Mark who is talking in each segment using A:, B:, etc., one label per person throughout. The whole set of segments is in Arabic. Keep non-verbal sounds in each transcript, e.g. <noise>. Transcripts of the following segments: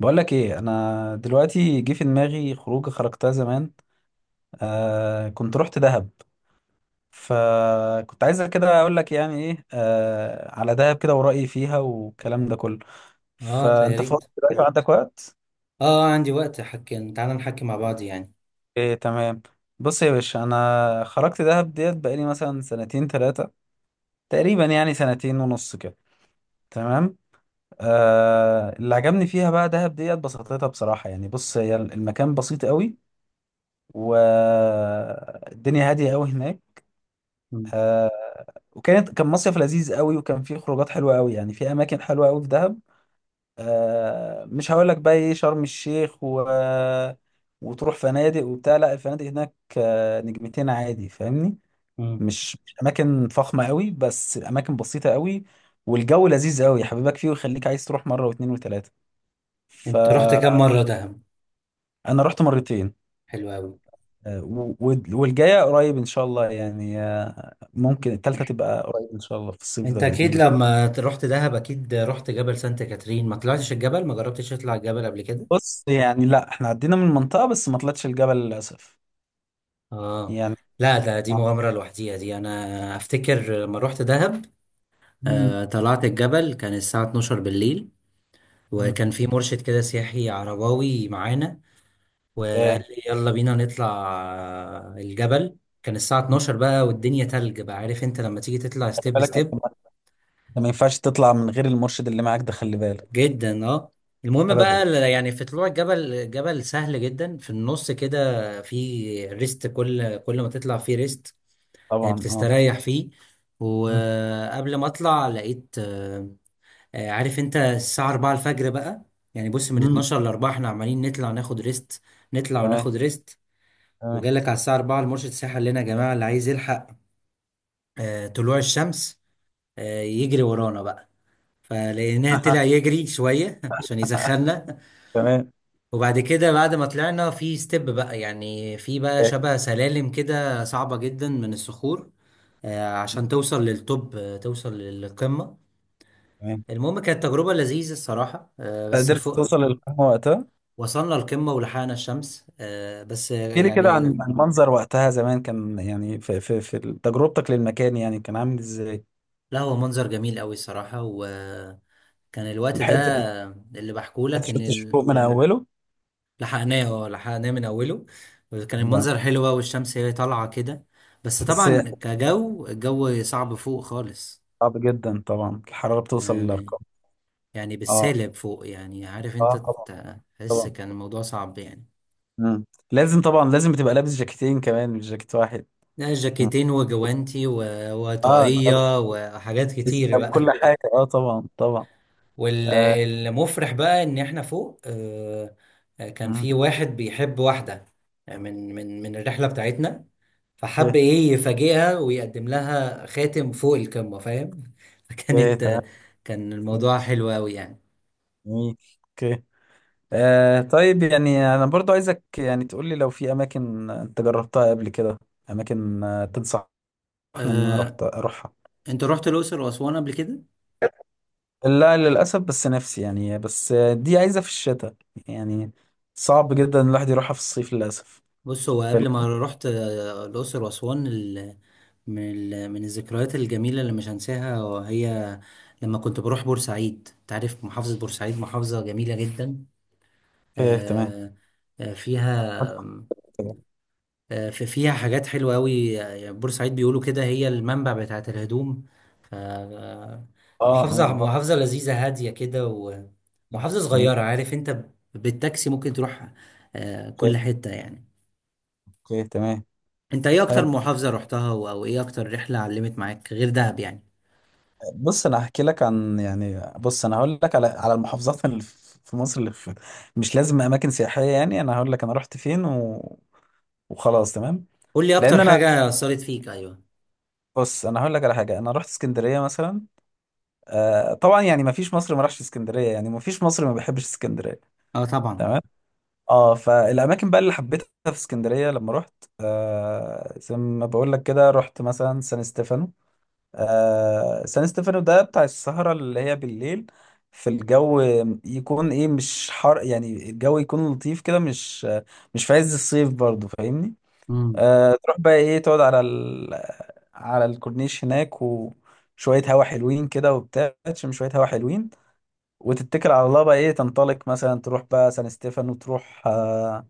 A: بقول لك ايه، انا دلوقتي جه في دماغي خروجه خرجتها زمان. آه كنت رحت دهب. فكنت عايزة كده اقول لك يعني ايه على دهب كده، ورأيي فيها والكلام ده كله.
B: اه، طيب يا
A: فانت
B: ريت.
A: فاضي دلوقتي وعندك وقت؟
B: اه، آه، عندي وقت، حكي تعالى نحكي مع بعض يعني.
A: ايه تمام. بص يا باشا، انا خرجت دهب ديت بقالي مثلا سنتين ثلاثة، تقريبا يعني سنتين ونص كده. تمام. آه، اللي عجبني فيها بقى دهب ديت بساطتها بصراحة يعني. بص، هي المكان بسيط قوي والدنيا هادية قوي هناك.
B: مم.
A: آه، كان مصيف لذيذ قوي، وكان فيه خروجات حلوه قوي، يعني في اماكن حلوه قوي في دهب. آه، مش هقول لك بقى ايه شرم الشيخ و... وتروح فنادق وبتاع. لا الفنادق هناك آه نجمتين عادي، فاهمني.
B: مم.
A: مش اماكن فخمه قوي، بس اماكن بسيطه قوي والجو لذيذ قوي، يحببك فيه ويخليك عايز تروح مره واثنين وثلاثه.
B: انت رحت
A: فانا
B: كام مرة دهب؟
A: رحت مرتين.
B: حلو قوي.
A: والجايه قريب ان شاء الله، يعني ممكن التالتة تبقى قريب ان شاء الله في الصيف
B: انت
A: ده باذن
B: اكيد
A: الله.
B: لما رحت دهب اكيد رحت جبل سانت كاترين، ما طلعتش الجبل، ما جربتش تطلع الجبل قبل كده؟
A: بص يعني لا، احنا عدينا من المنطقة بس ما طلعتش الجبل للأسف،
B: اه.
A: يعني
B: لا، ده دي
A: ما
B: مغامرة لوحديها، دي انا افتكر لما رحت دهب،
A: مم.
B: طلعت الجبل كان الساعة 12 بالليل.
A: مم.
B: وكان في مرشد كده سياحي عرباوي معانا، وقال
A: ايه.
B: لي يلا بينا نطلع الجبل. كان الساعة 12 بقى والدنيا تلج بقى، عارف انت لما تيجي تطلع
A: خلي
B: ستيب
A: بالك انت
B: ستيب
A: ما أنت ما ينفعش تطلع من غير المرشد اللي معاك ده، خلي بالك.
B: جدا. اه. المهم
A: أبدا.
B: بقى يعني في طلوع الجبل، جبل سهل جدا، في النص كده في ريست، كل ما تطلع فيه ريست
A: طبعا اه.
B: بتستريح فيه. وقبل ما اطلع لقيت عارف انت الساعة 4 الفجر بقى. يعني بص، من
A: مم.
B: 12 ل 4 احنا عمالين نطلع ناخد ريست، نطلع
A: تمام.
B: وناخد ريست.
A: تمام.
B: وجالك على الساعة 4 المرشد السياحي قال لنا: يا جماعة اللي عايز يلحق طلوع الشمس يجري ورانا بقى. فلقيناه طلع
A: <laughs>
B: يجري شوية <laughs> عشان يسخننا.
A: تمام.
B: وبعد كده بعد ما طلعنا في ستيب بقى، يعني في بقى
A: إيه،
B: شبه سلالم كده صعبة جدا من الصخور عشان توصل للتوب، توصل للقمة.
A: تمام.
B: المهم كانت تجربة لذيذة الصراحة بس
A: قدرت
B: فوق
A: توصل للقمة وقتها؟
B: وصلنا القمة ولحقنا الشمس، بس
A: احكي لي كده عن
B: يعني
A: عن المنظر وقتها زمان، كان يعني في تجربتك للمكان، يعني كان عامل ازاي.
B: لا، هو منظر جميل قوي الصراحة. و كان الوقت ده
A: ولحقت ال-
B: اللي بحكولك ان
A: شفت الشروق من أوله؟
B: لحقناه، اه لحقناه من اوله. كان
A: لا
B: المنظر حلو بقى والشمس هي طالعه كده. بس
A: بس
B: طبعا الجو صعب فوق خالص
A: صعب جدا طبعا، الحرارة بتوصل
B: يعني،
A: للأرقام.
B: يعني
A: آه.
B: بالسالب فوق، يعني عارف انت،
A: اه طبعا،
B: تحس
A: طبعا.
B: كان الموضوع صعب يعني.
A: مم. لازم طبعا، لازم بتبقى لابس جاكيتين كمان، مش جاكيت واحد.
B: لا،
A: مم.
B: جاكيتين وجوانتي و-
A: اه، أنت لابس،
B: وطاقية وحاجات
A: لسه
B: كتير
A: لابس كل
B: بقى.
A: حاجه، اه طبعا، طبعا. آه.
B: والمفرح بقى ان احنا فوق كان
A: مم.
B: في واحد بيحب واحدة من الرحلة بتاعتنا، فحب
A: اوكي،
B: ايه يفاجئها ويقدم لها خاتم فوق القمة، فاهم؟ <laughs>
A: اوكي، تمام.
B: فكانت، كان الموضوع حلو قوي يعني.
A: جميل. اوكي. آه. طيب، يعني انا برضو عايزك يعني تقول لي لو في اماكن انت جربتها قبل كده، اماكن تنصحني ان انا رحت
B: أه...
A: اروحها.
B: انت رحت الأقصر وأسوان قبل كده؟
A: لا للاسف، بس نفسي يعني، بس دي عايزه في الشتاء يعني، صعب جدا الواحد يروحها في الصيف للاسف.
B: بص، هو
A: فال-
B: قبل ما رحت الأقصر وأسوان، من الذكريات الجميلة اللي مش هنساها وهي لما كنت بروح بورسعيد. تعرف محافظة بورسعيد محافظة جميلة جدا.
A: اوكي تمام.
B: أه... فيها آه، في فيها حاجات حلوة أوي، يعني بورسعيد بيقولوا كده هي المنبع بتاعة الهدوم. ف
A: اه، اه،
B: محافظة
A: اه.
B: محافظة لذيذة هادية كده، ومحافظة
A: جميل.
B: صغيرة، عارف أنت، بالتاكسي ممكن تروح كل
A: اوكي،
B: حتة يعني.
A: اوكي، تمام.
B: أنت إيه أكتر
A: حلو.
B: محافظة رحتها أو إيه أكتر رحلة علمت معاك غير دهب يعني؟
A: بص انا هحكي لك عن، يعني بص انا هقول لك على المحافظات اللي في مصر اللي في. مش لازم اماكن سياحيه، يعني انا هقول لك انا رحت فين و... وخلاص، تمام.
B: قول لي أكتر
A: لان انا،
B: حاجة أثرت فيك. أيوه.
A: بص انا هقول لك على حاجه، انا رحت اسكندريه مثلا. آه طبعا، يعني ما فيش مصري ما راحش اسكندريه، يعني ما فيش مصري ما بيحبش اسكندريه.
B: أه طبعا.
A: تمام. اه، فالاماكن بقى اللي حبيتها في اسكندريه لما رحت، آه زي ما بقول لك كده، رحت مثلا سان ستيفانو. آه، سان ستيفانو ده بتاع السهرة اللي هي بالليل، في الجو، يكون ايه مش حر، يعني الجو يكون لطيف كده، مش في عز الصيف برضو، فاهمني.
B: مم.
A: آه، تروح بقى ايه تقعد على ال... على الكورنيش هناك، وشوية هوا حلوين كده وبتاع، تشم شوية هوا حلوين وتتكل على الله، بقى ايه تنطلق مثلا تروح بقى سان ستيفانو، تروح آه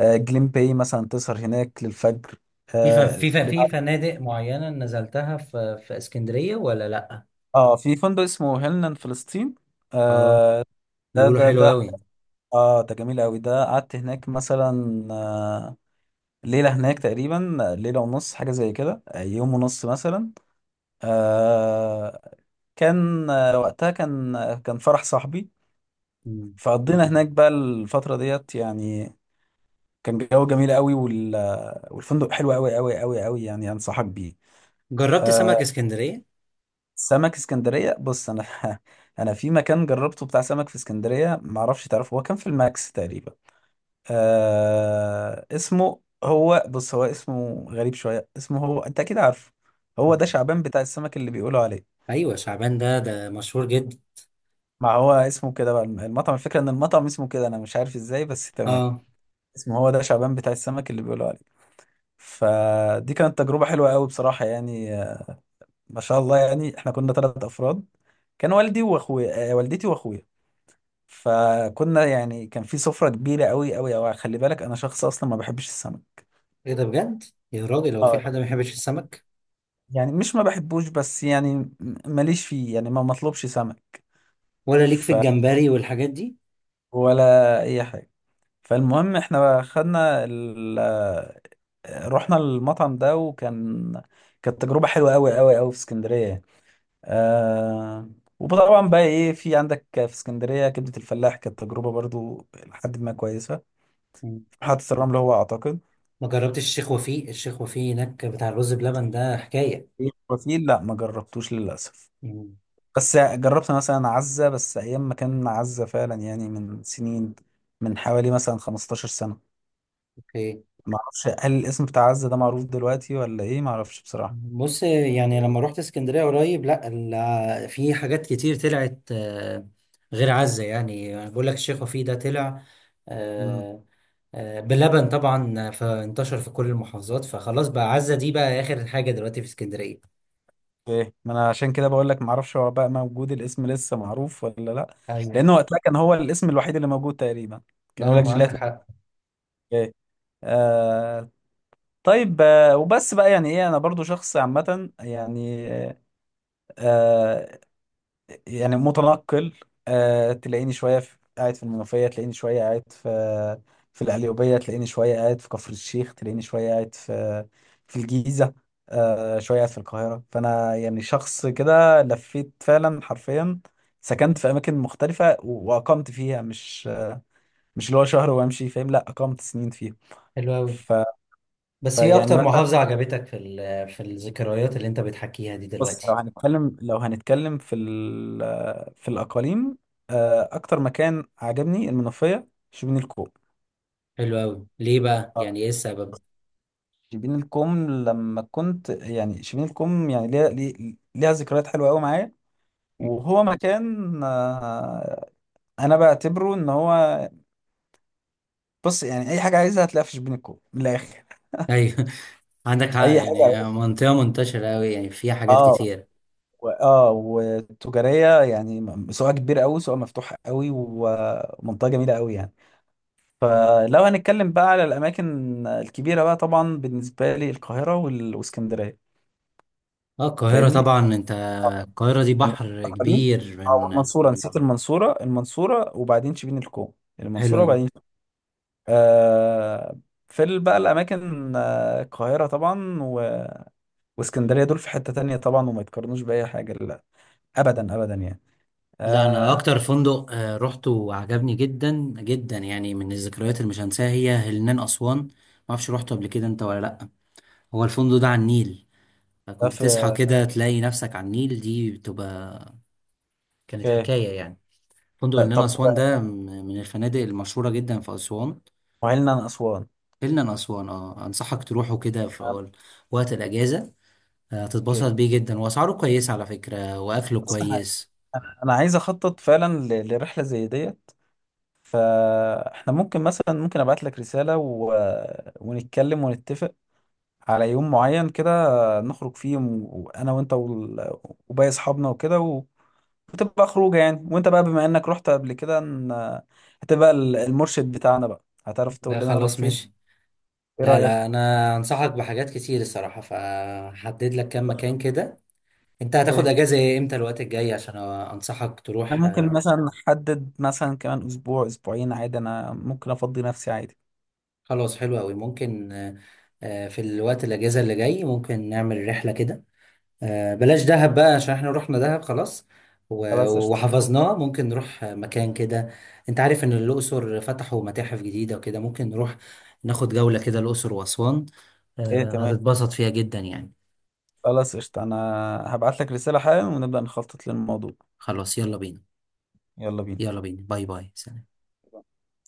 A: آه جليم باي مثلا، تسهر هناك للفجر.
B: في ف-
A: آه,
B: في ف- في
A: لبعد-
B: فنادق معينة نزلتها في اسكندرية ولا لأ؟
A: اه، في فندق اسمه هيلنان فلسطين.
B: اه.
A: آه، ده
B: بيقولوا
A: ده
B: حلو
A: ده
B: أوي.
A: اه ده جميل قوي. ده قعدت هناك مثلا ليلة هناك تقريبا، ليلة ونص حاجة زي كده، يوم ونص مثلا. آه، كان وقتها كان كان فرح صاحبي.
B: مم.
A: فقضينا هناك بقى الفترة ديت يعني. كان جو جميل قوي، وال... آه، والفندق حلو قوي قوي قوي قوي، يعني انصحك بيه.
B: جربت
A: آه،
B: سمك اسكندرية؟
A: سمك اسكندرية. بص انا <laughs> انا في مكان جربته بتاع سمك في اسكندرية، معرفش تعرفه، هو كان في الماكس تقريبا. آه، اسمه هو، بص هو اسمه غريب شوية، اسمه هو، انت اكيد عارفه. هو ده
B: مم.
A: شعبان بتاع السمك اللي بيقولوا عليه.
B: ايوه، شعبان ده مشهور جدا.
A: ما هو اسمه كده بقى، المطعم. الفكرة ان المطعم اسمه كده، انا مش عارف ازاي، بس تمام.
B: اه.
A: اسمه هو ده شعبان بتاع السمك اللي بيقولوا عليه. فدي كانت تجربة حلوة قوي بصراحة، يعني ما شاء الله، يعني احنا كنا ثلاث افراد، كان والدي واخويا، والدتي واخويا. فكنا يعني، كان في سفرة كبيرة قوي قوي قوي، خلي بالك انا شخص اصلا ما بحبش السمك.
B: ايه ده بجد؟ يا راجل، هو في
A: اه،
B: حد ما يحبش السمك؟
A: يعني مش ما بحبوش، بس يعني ماليش فيه، يعني ما مطلوبش سمك.
B: ولا ليك في
A: ف،
B: الجمبري والحاجات دي؟
A: ولا اي حاجه. فالمهم احنا خدنا ال... آه، رحنا المطعم ده، وكان كانت تجربه حلوه قوي قوي قوي في اسكندريه يعني. آه... وطبعا بقى ايه، في عندك في اسكندريه كبده الفلاح، كانت تجربه برضو لحد ما كويسه.
B: مم.
A: محطه الرمل هو اعتقد.
B: ما جربتش الشيخ وفيق؟ الشيخ وفيق هناك بتاع الرز بلبن ده حكايه.
A: إيه، وفيه، لا ما جربتوش للاسف.
B: مم.
A: بس جربت مثلا عزة، بس أيام ما كان عزة فعلا، يعني من سنين، من حوالي مثلا 15 سنة.
B: اوكي.
A: ما أعرفش هل الاسم بتاع عزة ده معروف دلوقتي ولا إيه، ما أعرفش بصراحة.
B: بص يعني لما رحت اسكندريه قريب، لا في حاجات كتير طلعت غير عزه، يعني أنا بقول لك الشيخ وفيق ده طلع
A: مم.
B: آه، بلبن طبعا، فانتشر في كل المحافظات، فخلاص بقى عزه دي بقى اخر حاجه دلوقتي في اسكندريه.
A: إيه، ما أنا عشان كده بقول لك ما أعرفش هو بقى موجود الاسم لسه معروف ولا لأ.
B: أيوة.
A: لأن وقتها كان هو الاسم الوحيد اللي موجود تقريبا،
B: لا،
A: كان يقول لك
B: هم عندك
A: جيلاتي.
B: حق.
A: إيه. آه. طيب. آه، وبس بقى يعني إيه، أنا برضو شخص عامة يعني. آه. يعني متنقل. آه، تلاقيني شوية في... قاعد في المنوفية، تلاقيني شوية قاعد في القليوبية، تلاقيني شوية قاعد في كفر الشيخ، تلاقيني شوية قاعد في الجيزة، آه، شوية قاعد في القاهرة. فأنا يعني شخص كده، لفيت فعلا حرفيا. سكنت في أماكن مختلفة و- وأقمت فيها، مش اللي هو شهر وأمشي، فاهم، لا أقمت سنين فيها.
B: حلو قوي.
A: ف...
B: بس هي
A: فيعني
B: اكتر
A: مثلا،
B: محافظة عجبتك في الذكريات اللي انت بتحكيها دي
A: بص. لو
B: دلوقتي؟
A: هنتكلم لو هنتكلم في الأقاليم، آه، أكتر مكان عجبني المنوفية، شبين الكوم.
B: حلو قوي، ليه بقى، يعني ايه السبب؟
A: شبين الكوم، لما كنت يعني شبين الكوم، يعني ليها ليها ذكريات حلوة قوي معايا، وهو مكان آه، أنا بعتبره إن هو، بص يعني أي حاجة عايزها هتلاقيها في شبين الكوم، من الآخر.
B: ايوه <laughs> عندك حق،
A: أي
B: يعني
A: حاجة.
B: منطقة منتشرة أوي يعني، فيها حاجات
A: اه
B: كتير.
A: و- اه وتجارية يعني، سواء كبير قوي سواء مفتوح قوي، ومنطقة جميلة قوي يعني. فلو هنتكلم بقى على الأماكن الكبيرة بقى، طبعا بالنسبة لي القاهرة وال- والإسكندرية.
B: اه، القاهرة
A: فاهمني؟
B: طبعا انت، القاهرة دي
A: أنا-
B: بحر
A: أقاليم.
B: كبير
A: أو
B: من.
A: المنصورة، نسيت المنصورة، المنصورة وبعدين شبين الكوم،
B: حلو
A: المنصورة
B: أوي.
A: وبعدين، آه، في بقى الأماكن، آه، القاهرة طبعا و- واسكندرية، دول في حتة تانية طبعا، وما يتقارنوش بأي حاجة، لا أبدا، أبدا يعني.
B: لا، أنا
A: آه.
B: أكتر فندق روحته وعجبني جدا جدا يعني، من الذكريات اللي مش هنساها، هي هلنان أسوان. معرفش روحته قبل كده أنت ولا لأ. هو الفندق ده على النيل،
A: ده
B: كنت تصحى
A: في.
B: كده تلاقي نفسك على النيل، دي بتبقى، كانت
A: أوكي.
B: حكاية يعني. فندق النيل
A: طب،
B: أسوان ده من الفنادق المشهورة جدا في أسوان.
A: وعلنا عن أسوان.
B: النيل أسوان، اه أنصحك تروحه كده في
A: آه.
B: وقت الأجازة.
A: أوكي.
B: هتتبسط بيه جدا، وأسعاره كويسة على فكرة، وأكله
A: بص أنا،
B: كويس.
A: أنا عايز أخطط فعلا ل- لرحلة زي دي، فاحنا ممكن مثلا، ممكن ابعت لك رسالة و... ونتكلم ونتفق على يوم معين كده نخرج فيه، وانا وانت وال... وباقي اصحابنا وكده و... وتبقى خروجه يعني. وانت بقى بما انك رحت قبل كده ن... هتبقى المرشد بتاعنا بقى، هتعرف تقول
B: لا
A: لنا نروح
B: خلاص
A: فين.
B: ماشي.
A: ايه
B: لا
A: رأيك؟
B: لا، أنا أنصحك بحاجات كتير الصراحة، فهحدد لك كام مكان كده. أنت هتاخد
A: اوكي،
B: أجازة إمتى الوقت الجاي عشان أنصحك تروح؟
A: احنا ممكن مثلا نحدد مثلا كمان اسبوع اسبوعين، عادي، انا ممكن افضي نفسي، عادي.
B: خلاص حلو قوي، ممكن في الوقت الاجازه اللي جاي ممكن نعمل رحله كده، بلاش دهب بقى عشان احنا رحنا دهب خلاص، و-
A: خلاص قشطة.
B: وحفظناه، ممكن نروح مكان كده. انت عارف ان الاقصر فتحوا متاحف جديده وكده، ممكن نروح ناخد جوله كده الاقصر واسوان،
A: ايه تمام.
B: هتتبسط فيها جدا يعني.
A: خلاص قشطة، انا هبعت لك رسالة حالا، ونبدأ نخطط للموضوع.
B: خلاص يلا بينا.
A: يلا بينا.
B: يلا بينا، باي باي سلام.